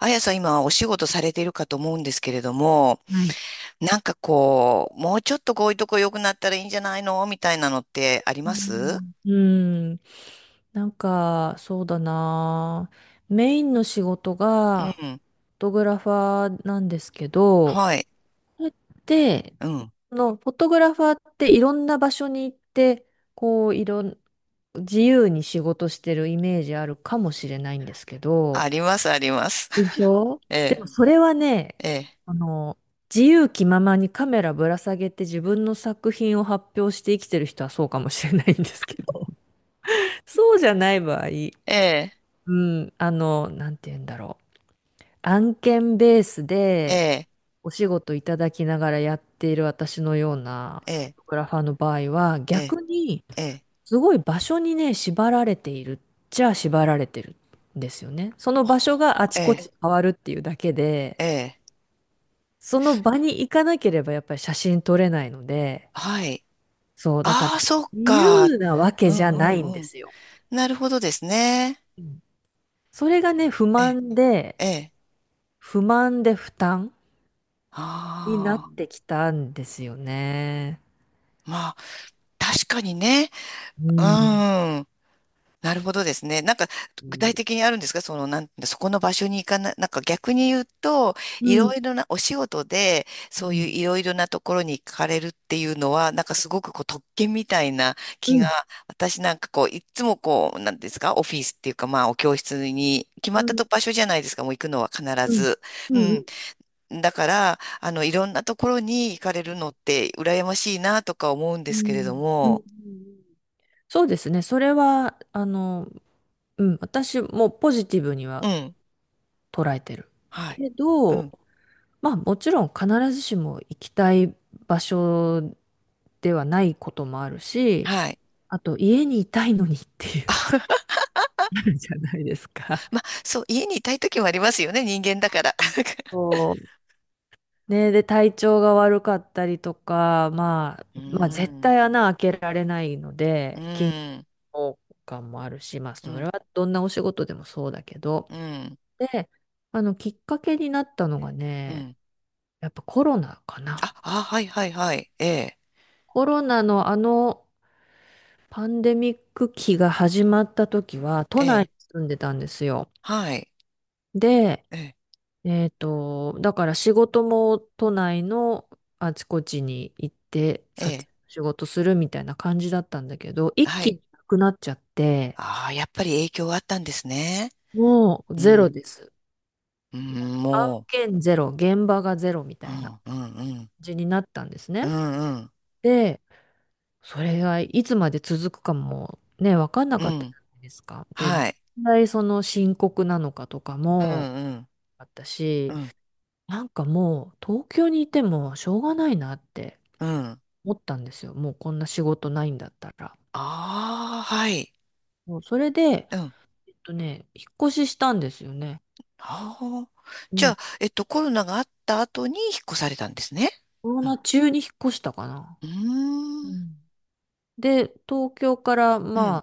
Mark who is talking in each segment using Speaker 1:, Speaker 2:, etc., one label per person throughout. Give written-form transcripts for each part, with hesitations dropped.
Speaker 1: あやさん今お仕事されているかと思うんですけれども、
Speaker 2: はい。
Speaker 1: なんかこう、もうちょっとこういうとこ良くなったらいいんじゃないのみたいなのってあり
Speaker 2: う
Speaker 1: ます
Speaker 2: ん。ん、そうだな。メインの仕事
Speaker 1: う
Speaker 2: が、
Speaker 1: ん。
Speaker 2: フォトグラファーなんですけど、
Speaker 1: はい。
Speaker 2: で、
Speaker 1: うん。
Speaker 2: その、フォトグラファーっていろんな場所に行って、こう、いろん、自由に仕事してるイメージあるかもしれないんですけど、
Speaker 1: あります、あります。
Speaker 2: でし ょ。で
Speaker 1: え
Speaker 2: もそれはね、
Speaker 1: え、え
Speaker 2: あの、自由気ままにカメラぶら下げて自分の作品を発表して生きてる人はそうかもしれないんですけど、そうじゃない場合、
Speaker 1: え、
Speaker 2: うなんて言うんだろう。案件ベース
Speaker 1: え
Speaker 2: で
Speaker 1: え、
Speaker 2: お仕事いただきながらやっている私のような
Speaker 1: え
Speaker 2: フォ
Speaker 1: え、
Speaker 2: トグラファーの場合は、
Speaker 1: ええ、
Speaker 2: 逆に
Speaker 1: ええ、
Speaker 2: すごい場所にね、縛られてるんですよね。その場所
Speaker 1: ほ
Speaker 2: があち
Speaker 1: え
Speaker 2: こ
Speaker 1: え、
Speaker 2: ち変わるっていうだけで、
Speaker 1: ええ
Speaker 2: その場に行かなければやっぱり写真撮れないので、
Speaker 1: はい。
Speaker 2: そう、だから
Speaker 1: ああ、そっ
Speaker 2: 自
Speaker 1: か。
Speaker 2: 由なわけ
Speaker 1: う
Speaker 2: じゃ
Speaker 1: んう
Speaker 2: ないん
Speaker 1: ん
Speaker 2: で
Speaker 1: うん。
Speaker 2: すよ。
Speaker 1: なるほどですね。
Speaker 2: うん。それがね、不
Speaker 1: ええ、
Speaker 2: 満で、
Speaker 1: ええ。
Speaker 2: 不満で負担になっ
Speaker 1: あ
Speaker 2: てきたんですよね。
Speaker 1: あ、まあ、確かにね。
Speaker 2: う
Speaker 1: う
Speaker 2: ん。
Speaker 1: ん。なるほどですね。なんか、
Speaker 2: う
Speaker 1: 具体
Speaker 2: ん。
Speaker 1: 的にあるんですかその、なんて、そこの場所に行かない、なんか逆に言うと、
Speaker 2: う
Speaker 1: いろ
Speaker 2: ん。
Speaker 1: いろな、お仕事で、
Speaker 2: う
Speaker 1: そうい
Speaker 2: ん。
Speaker 1: ういろいろなところに行かれるっていうのは、なんかすごくこう、特権みたいな
Speaker 2: う
Speaker 1: 気が、
Speaker 2: ん。
Speaker 1: 私なんかこう、いつもこう、なんですかオフィスっていうか、まあ、お教室に、決ま
Speaker 2: う
Speaker 1: ったと
Speaker 2: ん。
Speaker 1: 場所じゃないですか、もう行くのは必
Speaker 2: うん。うん。
Speaker 1: ず。うん。だから、あの、いろんなところに行かれるのって、羨ましいなとか思うんで
Speaker 2: う
Speaker 1: すけれど
Speaker 2: ん。う
Speaker 1: も、
Speaker 2: ん。そうですね。それは、私もポジティブに
Speaker 1: う
Speaker 2: は
Speaker 1: ん。
Speaker 2: 捉えてる
Speaker 1: はい。
Speaker 2: け
Speaker 1: う
Speaker 2: ど、
Speaker 1: ん。
Speaker 2: まあもちろん必ずしも行きたい場所ではないこともあるし、
Speaker 1: はい。
Speaker 2: あと家にいたいのにっていうのあるじゃないですか。
Speaker 1: まあ、そう、家にいたい時もありますよね、人間だから。
Speaker 2: そうね、で、体調が悪かったりとか、まあ、
Speaker 1: う
Speaker 2: まあ、絶
Speaker 1: ん、
Speaker 2: 対穴開けられないの
Speaker 1: う
Speaker 2: で、緊
Speaker 1: ん、
Speaker 2: 張感もあるし、まあ、
Speaker 1: う
Speaker 2: それ
Speaker 1: ん、
Speaker 2: はどんなお仕事でもそうだけど、
Speaker 1: うん、
Speaker 2: で、きっかけになったのが
Speaker 1: う
Speaker 2: ね、
Speaker 1: ん。
Speaker 2: やっぱコロナか
Speaker 1: あ、
Speaker 2: な。
Speaker 1: あ、はいはいはい。ええ、
Speaker 2: コロナのパンデミック期が始まった時は、
Speaker 1: え
Speaker 2: 都内
Speaker 1: え、
Speaker 2: に住んでたんですよ。
Speaker 1: はい。
Speaker 2: で、
Speaker 1: ええ、
Speaker 2: だから仕事も都内のあちこちに行って
Speaker 1: え
Speaker 2: 撮
Speaker 1: え、
Speaker 2: 影の仕事するみたいな感じだったんだけど、一
Speaker 1: は
Speaker 2: 気
Speaker 1: い。
Speaker 2: になくなっちゃって、
Speaker 1: ああ、やっぱり影響があったんですね。
Speaker 2: もう
Speaker 1: う
Speaker 2: ゼロ
Speaker 1: ん、
Speaker 2: です。
Speaker 1: うん、
Speaker 2: 案
Speaker 1: も
Speaker 2: 件ゼロ、現場がゼロみ
Speaker 1: う、
Speaker 2: た
Speaker 1: う
Speaker 2: いな感
Speaker 1: ん、うん、うん、
Speaker 2: じになったんです
Speaker 1: う
Speaker 2: ね。
Speaker 1: ん、うん、
Speaker 2: で、それがいつまで続くかもね、分かんな
Speaker 1: う
Speaker 2: かったじ
Speaker 1: ん、
Speaker 2: ゃないですか。で、どん
Speaker 1: はい。
Speaker 2: なにその深刻なのかとか
Speaker 1: う
Speaker 2: も
Speaker 1: ん、
Speaker 2: あった
Speaker 1: うん、う
Speaker 2: し、
Speaker 1: ん、
Speaker 2: なんかもう東京にいてもしょうがないなって
Speaker 1: うん。
Speaker 2: 思ったんですよ。もうこんな仕事ないんだったら。
Speaker 1: ああ、はい。
Speaker 2: もうそれで、
Speaker 1: うん。
Speaker 2: 引っ越ししたんですよね。
Speaker 1: ああ。
Speaker 2: う
Speaker 1: じゃ
Speaker 2: ん。
Speaker 1: あ、えっと、コロナがあった後に引っ越されたんですね。
Speaker 2: コロナ中に引っ越したかな。
Speaker 1: うー
Speaker 2: う
Speaker 1: ん。
Speaker 2: ん。で、東京から
Speaker 1: う
Speaker 2: ま
Speaker 1: ん。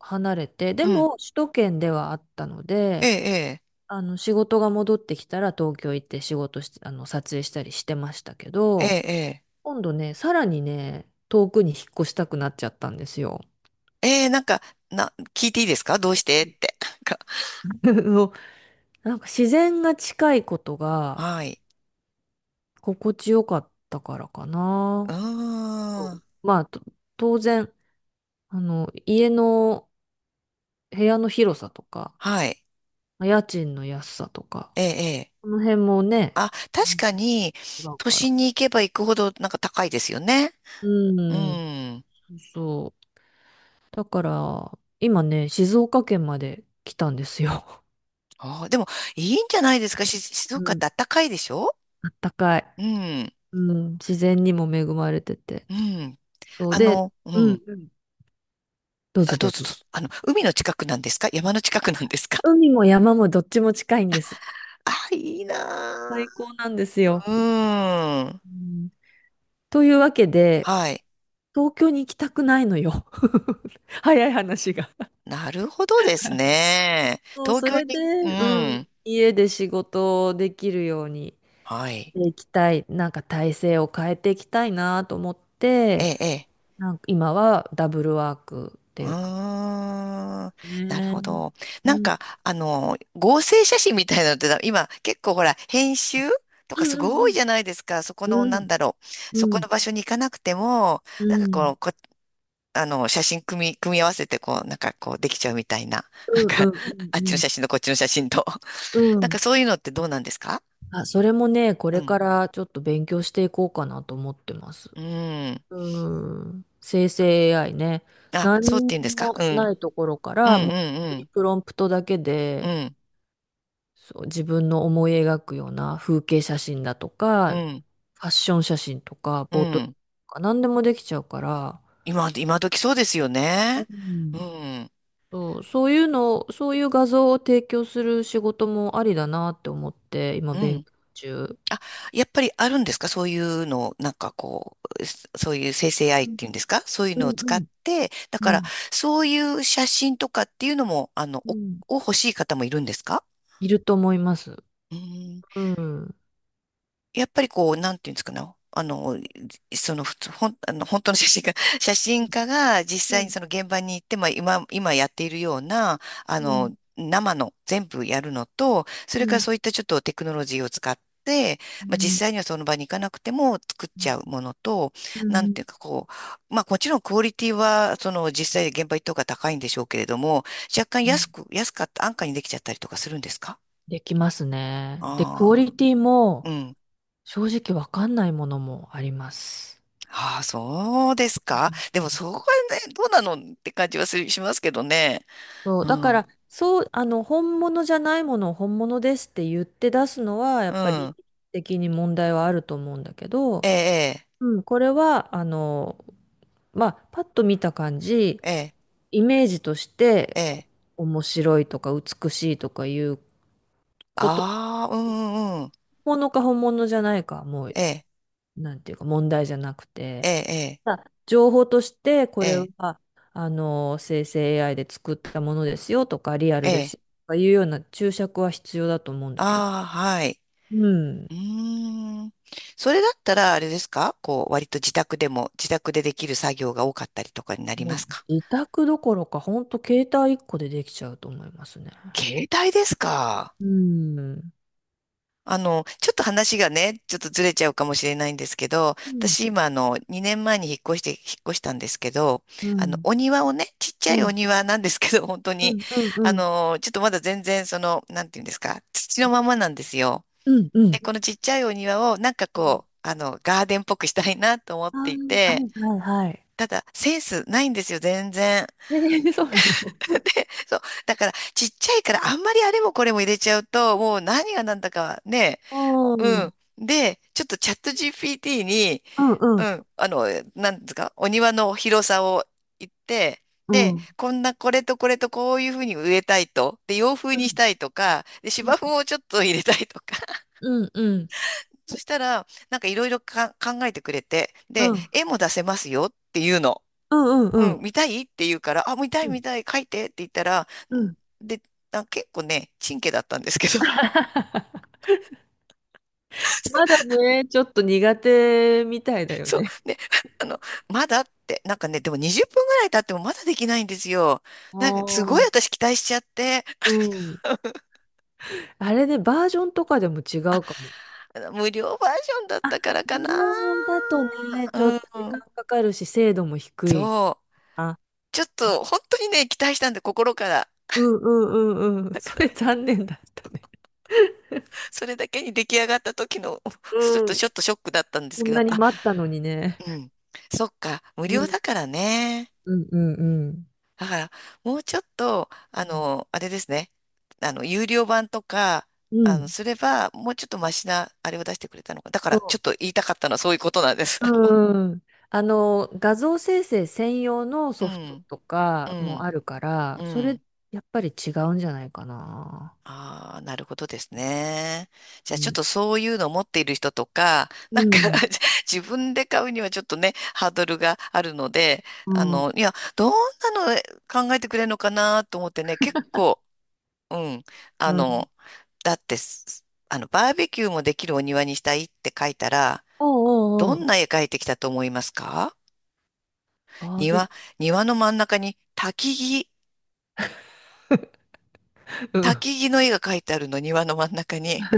Speaker 2: あ離れて、で
Speaker 1: うん。
Speaker 2: も首都圏ではあったの
Speaker 1: え
Speaker 2: で、
Speaker 1: え、
Speaker 2: あの仕事が戻ってきたら東京行って仕事して、あの撮影したりしてましたけ
Speaker 1: ええ、
Speaker 2: ど、
Speaker 1: ええ、え
Speaker 2: 今度ね、さらにね、遠くに引っ越したくなっちゃったんですよ。
Speaker 1: え、ええなんか、な、聞いていいですかどうしてって。なんか、
Speaker 2: あのなんか自然が近いことが
Speaker 1: はい。
Speaker 2: 心地よかったからか
Speaker 1: う
Speaker 2: な。あ
Speaker 1: ー
Speaker 2: と
Speaker 1: ん。
Speaker 2: まあ、当然、家の部屋の広さとか、
Speaker 1: はい。
Speaker 2: まあ家賃の安さとか、
Speaker 1: ええ、ええ。
Speaker 2: この辺もね、
Speaker 1: あ、
Speaker 2: う
Speaker 1: 確
Speaker 2: ん、
Speaker 1: かに、
Speaker 2: 違う
Speaker 1: 都
Speaker 2: から。
Speaker 1: 心に行けば行くほど、なんか高いですよね。
Speaker 2: う
Speaker 1: う
Speaker 2: ん、
Speaker 1: ん。
Speaker 2: そう。だから、今ね、静岡県まで来たんですよ。
Speaker 1: あー、でも、いいんじゃないですかし、静 岡っ
Speaker 2: うん、
Speaker 1: て暖かいでしょ
Speaker 2: あったかい。
Speaker 1: うん。
Speaker 2: うん、自然にも恵まれてて。
Speaker 1: うん。
Speaker 2: そう
Speaker 1: あ
Speaker 2: で、
Speaker 1: の、う
Speaker 2: う
Speaker 1: ん。
Speaker 2: ん、どう
Speaker 1: あ、
Speaker 2: ぞ
Speaker 1: ど
Speaker 2: ど
Speaker 1: う
Speaker 2: う
Speaker 1: ぞ
Speaker 2: ぞ。
Speaker 1: どうぞ。あの、海の近くなんですか山の近くなんですか
Speaker 2: 海も山もどっちも近いんです。
Speaker 1: あ、いいな
Speaker 2: 最高なんです
Speaker 1: ぁ。う
Speaker 2: よ。
Speaker 1: ーん。
Speaker 2: うん、というわけで、
Speaker 1: はい。
Speaker 2: 東京に行きたくないのよ。早い話が。
Speaker 1: なるほどですね。
Speaker 2: そう、
Speaker 1: 東
Speaker 2: そ
Speaker 1: 京
Speaker 2: れ
Speaker 1: に、
Speaker 2: で、
Speaker 1: う
Speaker 2: う
Speaker 1: ん。
Speaker 2: ん、家で仕事をできるように
Speaker 1: はい。
Speaker 2: 行きたい、なんか体制を変えていきたいなと思っ
Speaker 1: え
Speaker 2: て、
Speaker 1: え、ええ。
Speaker 2: なんか今はダブルワークって
Speaker 1: う
Speaker 2: いうか
Speaker 1: ーん。なる
Speaker 2: ね。う
Speaker 1: ほ
Speaker 2: ん、
Speaker 1: ど。
Speaker 2: う
Speaker 1: なん
Speaker 2: ん
Speaker 1: か、あの、合成写真みたいなのって、今、結構ほら、編集と
Speaker 2: う
Speaker 1: かす
Speaker 2: んう
Speaker 1: ごい
Speaker 2: ん
Speaker 1: じゃないですか。そこの、
Speaker 2: う
Speaker 1: なん
Speaker 2: ん
Speaker 1: だろう。そこ
Speaker 2: うん
Speaker 1: の場所に行かなくても、
Speaker 2: う
Speaker 1: なんかこ
Speaker 2: ん
Speaker 1: の、あの、写真組み、組み合わせて、こう、なんかこう、できちゃうみたいな。なん
Speaker 2: うん
Speaker 1: か、あっ
Speaker 2: う
Speaker 1: ちの
Speaker 2: ん
Speaker 1: 写真とこっちの写真と。
Speaker 2: うんう
Speaker 1: なんか
Speaker 2: ん。
Speaker 1: そういうのってどうなんですか
Speaker 2: あ、それもね、こ
Speaker 1: う
Speaker 2: れ
Speaker 1: ん。
Speaker 2: からちょっと勉強していこうかなと思ってます。
Speaker 1: うん。
Speaker 2: うん。生成 AI ね。
Speaker 1: あ、そうって
Speaker 2: 何
Speaker 1: 言うんで
Speaker 2: に
Speaker 1: すか
Speaker 2: も
Speaker 1: うん
Speaker 2: ないところか
Speaker 1: う
Speaker 2: ら、もう本
Speaker 1: んう
Speaker 2: 当に
Speaker 1: ん
Speaker 2: プロンプトだけ
Speaker 1: う
Speaker 2: で、
Speaker 1: ん。
Speaker 2: そう、自分の思い描くような風景写真だと
Speaker 1: う
Speaker 2: か、
Speaker 1: ん。
Speaker 2: ファッション写真とか、
Speaker 1: う
Speaker 2: ポートレート
Speaker 1: ん。
Speaker 2: とか、何でもできちゃうから、
Speaker 1: 今時そうですよ
Speaker 2: う
Speaker 1: ね。う
Speaker 2: ん。
Speaker 1: ん。
Speaker 2: そう、そういうの、そういう画像を提供する仕事もありだなって思って、今
Speaker 1: う
Speaker 2: 勉
Speaker 1: ん。
Speaker 2: 強中。
Speaker 1: あ、やっぱりあるんですかそういうのを、なんかこう、そういう生成愛
Speaker 2: う
Speaker 1: っ
Speaker 2: ん
Speaker 1: ていうんですかそういう
Speaker 2: う
Speaker 1: のを
Speaker 2: んう
Speaker 1: 使っ
Speaker 2: ん
Speaker 1: て、だ
Speaker 2: う
Speaker 1: から、
Speaker 2: ん
Speaker 1: そういう写真とかっていうのも、あの、
Speaker 2: うん。
Speaker 1: を欲しい方もいるんですか
Speaker 2: いると思います。
Speaker 1: うん。
Speaker 2: うん。うん
Speaker 1: やっぱりこう、なんていうんですかね。あの、その、ふつほん、あの、本当の写真家、写真家が実
Speaker 2: う
Speaker 1: 際に
Speaker 2: ん
Speaker 1: その現場に行って、まあ、今やっているような、あ
Speaker 2: うん
Speaker 1: の、生の全部やるのと、そ
Speaker 2: う
Speaker 1: れから
Speaker 2: ん
Speaker 1: そういったちょっとテクノロジーを使って、
Speaker 2: う
Speaker 1: まあ、実
Speaker 2: ん
Speaker 1: 際にはその場に行かなくても作っ
Speaker 2: う
Speaker 1: ちゃうものと、なん
Speaker 2: ん。
Speaker 1: ていうかこう、まあもちろんクオリティはその実際現場行った方が高いんでしょうけれども、若干
Speaker 2: う
Speaker 1: 安
Speaker 2: ん、
Speaker 1: く、安かった安価にできちゃったりとかするんですか
Speaker 2: できますね。で、クオ
Speaker 1: あ
Speaker 2: リティ
Speaker 1: あ
Speaker 2: も
Speaker 1: ー、うん
Speaker 2: 正直わかんないものもあります。
Speaker 1: ああ、そうです
Speaker 2: う
Speaker 1: か。
Speaker 2: ん、
Speaker 1: でも、そこはね、どうなのって感じはするしますけどね。
Speaker 2: そう、
Speaker 1: う
Speaker 2: だか
Speaker 1: ん。
Speaker 2: ら、そう、あの、本物じゃないものを本物ですって言って出すのは、や
Speaker 1: う
Speaker 2: っぱり
Speaker 1: ん。
Speaker 2: 的に問題はあると思うんだけ
Speaker 1: え
Speaker 2: ど、
Speaker 1: え、
Speaker 2: うん、これは、あの、まあ、パッと見た感じ、
Speaker 1: ええ、
Speaker 2: イメージとして、
Speaker 1: ええ、
Speaker 2: こ
Speaker 1: ええ。
Speaker 2: う面白いとか美しいとかいうこと、
Speaker 1: ああ、うんうんうん。
Speaker 2: 本物か本物じゃないかはもう、
Speaker 1: ええ、
Speaker 2: なんていうか問題じゃなく
Speaker 1: え
Speaker 2: て、
Speaker 1: え、
Speaker 2: まあ情報としてこ
Speaker 1: ええ、
Speaker 2: れ
Speaker 1: ええ。
Speaker 2: はあの生成 AI で作ったものですよとかリアル
Speaker 1: え
Speaker 2: です
Speaker 1: え
Speaker 2: よとかいうような注釈は必要だと思うんだけど、
Speaker 1: ああ、はい。
Speaker 2: うん、
Speaker 1: うーん。それだったら、あれですかこう、割と自宅でも、自宅でできる作業が多かったりとかになり
Speaker 2: もう
Speaker 1: ますか
Speaker 2: 自宅どころか本当携帯1個でできちゃうと思いますね。
Speaker 1: 携帯ですか
Speaker 2: うん。う
Speaker 1: あの、ちょっと話がね、ちょっとずれちゃうかもしれないんですけど、私
Speaker 2: ん
Speaker 1: 今あの、2年前に引っ越したんですけど、
Speaker 2: う
Speaker 1: あの、
Speaker 2: ん
Speaker 1: お庭をね、ちっちゃ
Speaker 2: うん
Speaker 1: い
Speaker 2: う
Speaker 1: お
Speaker 2: ん
Speaker 1: 庭なんですけど、本当
Speaker 2: う
Speaker 1: に、
Speaker 2: んうん
Speaker 1: あ
Speaker 2: うん
Speaker 1: の、ちょっとまだ全然その、なんていうんですか、土のままなんですよ。
Speaker 2: う
Speaker 1: で、
Speaker 2: ん
Speaker 1: このちっちゃいお庭をなんか
Speaker 2: うん、
Speaker 1: こう、あの、ガーデンっぽくしたいなと思っ
Speaker 2: あ
Speaker 1: てい
Speaker 2: ー、
Speaker 1: て、
Speaker 2: はいはいはい。
Speaker 1: ただ、センスないんですよ、全然。
Speaker 2: えーそうなの。
Speaker 1: そう。だから、ちっちゃいから、あんまりあれもこれも入れちゃうと、もう何が何だかね、
Speaker 2: う
Speaker 1: う
Speaker 2: んうん
Speaker 1: ん。で、ちょっとチャット GPT に、
Speaker 2: う
Speaker 1: う
Speaker 2: ん
Speaker 1: ん、あの、なんですか、お庭の広さを言って、
Speaker 2: う
Speaker 1: で、
Speaker 2: ん
Speaker 1: こんな、これとこれとこういうふうに植えたいと、で、洋風
Speaker 2: う
Speaker 1: にし
Speaker 2: ん
Speaker 1: たいとか、で、
Speaker 2: う
Speaker 1: 芝
Speaker 2: ん
Speaker 1: 生をちょっと入れたいとか、
Speaker 2: うんうん
Speaker 1: そしたら、なんかいろいろか考えてくれて、で、
Speaker 2: うん
Speaker 1: 絵も出せますよっていうの。
Speaker 2: うんうんう
Speaker 1: う
Speaker 2: ん
Speaker 1: ん、見たいって言うから、あ、見た
Speaker 2: う
Speaker 1: い見
Speaker 2: ん
Speaker 1: たい、描いてって言ったら、
Speaker 2: うん。
Speaker 1: んで、あ、結構ね、チンケだったんですけど、
Speaker 2: まだね、ちょっと苦手みたいだよね。
Speaker 1: ね、あの、まだって、なんかね、でも20分ぐらい経ってもまだできないんですよ。
Speaker 2: あ
Speaker 1: なんか、すごい
Speaker 2: あ、
Speaker 1: 私期待しちゃって、
Speaker 2: う ん。あれね、バージョンとかでも違うかも。
Speaker 1: あの無料バージョンだったからか
Speaker 2: 無
Speaker 1: な。
Speaker 2: 料だとね、ちょっと時
Speaker 1: う
Speaker 2: 間
Speaker 1: ん。
Speaker 2: かかるし、精度も低い
Speaker 1: そう。
Speaker 2: な。
Speaker 1: ちょっと、本当にね、期待したんで、心から。
Speaker 2: うんうんうんうん。それ残念だったね。
Speaker 1: それだけに出来上がった時の、ちょっ
Speaker 2: う
Speaker 1: と、
Speaker 2: ん。
Speaker 1: ショックだったんです
Speaker 2: こ
Speaker 1: け
Speaker 2: ん
Speaker 1: ど、
Speaker 2: なに
Speaker 1: あ、
Speaker 2: 待ったのにね。
Speaker 1: うん。そっか、無
Speaker 2: う
Speaker 1: 料
Speaker 2: ん
Speaker 1: だからね。
Speaker 2: うんうんうん。
Speaker 1: だから、もうちょっと、あの、あれですね。あの、有料版とか、
Speaker 2: う
Speaker 1: あの、
Speaker 2: ん。
Speaker 1: すれば、もうちょっとマシな、あれを出してくれたのか。だから、ちょっと
Speaker 2: そ
Speaker 1: 言いたかったのはそういうことなんです。
Speaker 2: う、うん。あの、画像生成専用の
Speaker 1: う
Speaker 2: ソフト
Speaker 1: ん、
Speaker 2: と
Speaker 1: う
Speaker 2: かも
Speaker 1: ん、
Speaker 2: あるか
Speaker 1: う
Speaker 2: ら、それ、
Speaker 1: ん。
Speaker 2: やっぱり違うんじゃないかな。
Speaker 1: ああ、なるほどですね。じ
Speaker 2: う
Speaker 1: ゃあ、ちょっ
Speaker 2: ん。
Speaker 1: とそういうのを持っている人とか、
Speaker 2: う
Speaker 1: なんか
Speaker 2: ん。
Speaker 1: 自分で買うにはちょっとね、ハードルがあるので、
Speaker 2: う
Speaker 1: あ
Speaker 2: ん。
Speaker 1: の、いや、どんなの考えてくれるのかなと思ってね、結構、うん。あ
Speaker 2: うん。
Speaker 1: の、だってす、あの、バーベキューもできるお庭にしたいって書いたら、ど
Speaker 2: おうんうんう
Speaker 1: ん
Speaker 2: ん。
Speaker 1: な絵描いてきたと思いますか
Speaker 2: バーベ
Speaker 1: 庭、
Speaker 2: キ
Speaker 1: 庭の真ん中に木、
Speaker 2: ュー。う
Speaker 1: 焚
Speaker 2: ん。
Speaker 1: き木の絵が描いてあるの、庭の真ん中に。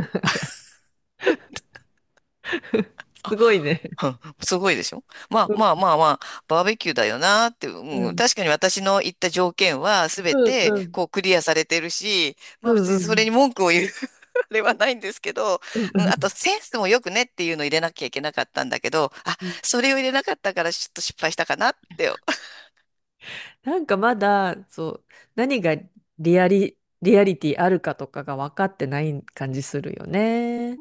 Speaker 2: すごいね。
Speaker 1: うんすごいでしょまあまあまあまあ、バーベキューだよなーって、
Speaker 2: う
Speaker 1: うん、
Speaker 2: ん。
Speaker 1: 確かに私の言った条件は全
Speaker 2: うん。
Speaker 1: て
Speaker 2: うん。
Speaker 1: こうクリアされてるし、ま
Speaker 2: う
Speaker 1: あ別に
Speaker 2: ん。う
Speaker 1: それ
Speaker 2: ん
Speaker 1: に文句を言う あれはないんですけど、
Speaker 2: う
Speaker 1: うん、あと
Speaker 2: ん
Speaker 1: センスもよくねっていうのを入れなきゃいけなかったんだけど、あ、
Speaker 2: うん。
Speaker 1: それを入れなかったからちょっと失敗したかなって
Speaker 2: なんかまだ、そう、何がリアリ、リアリティあるかとかが分かってない感じするよね。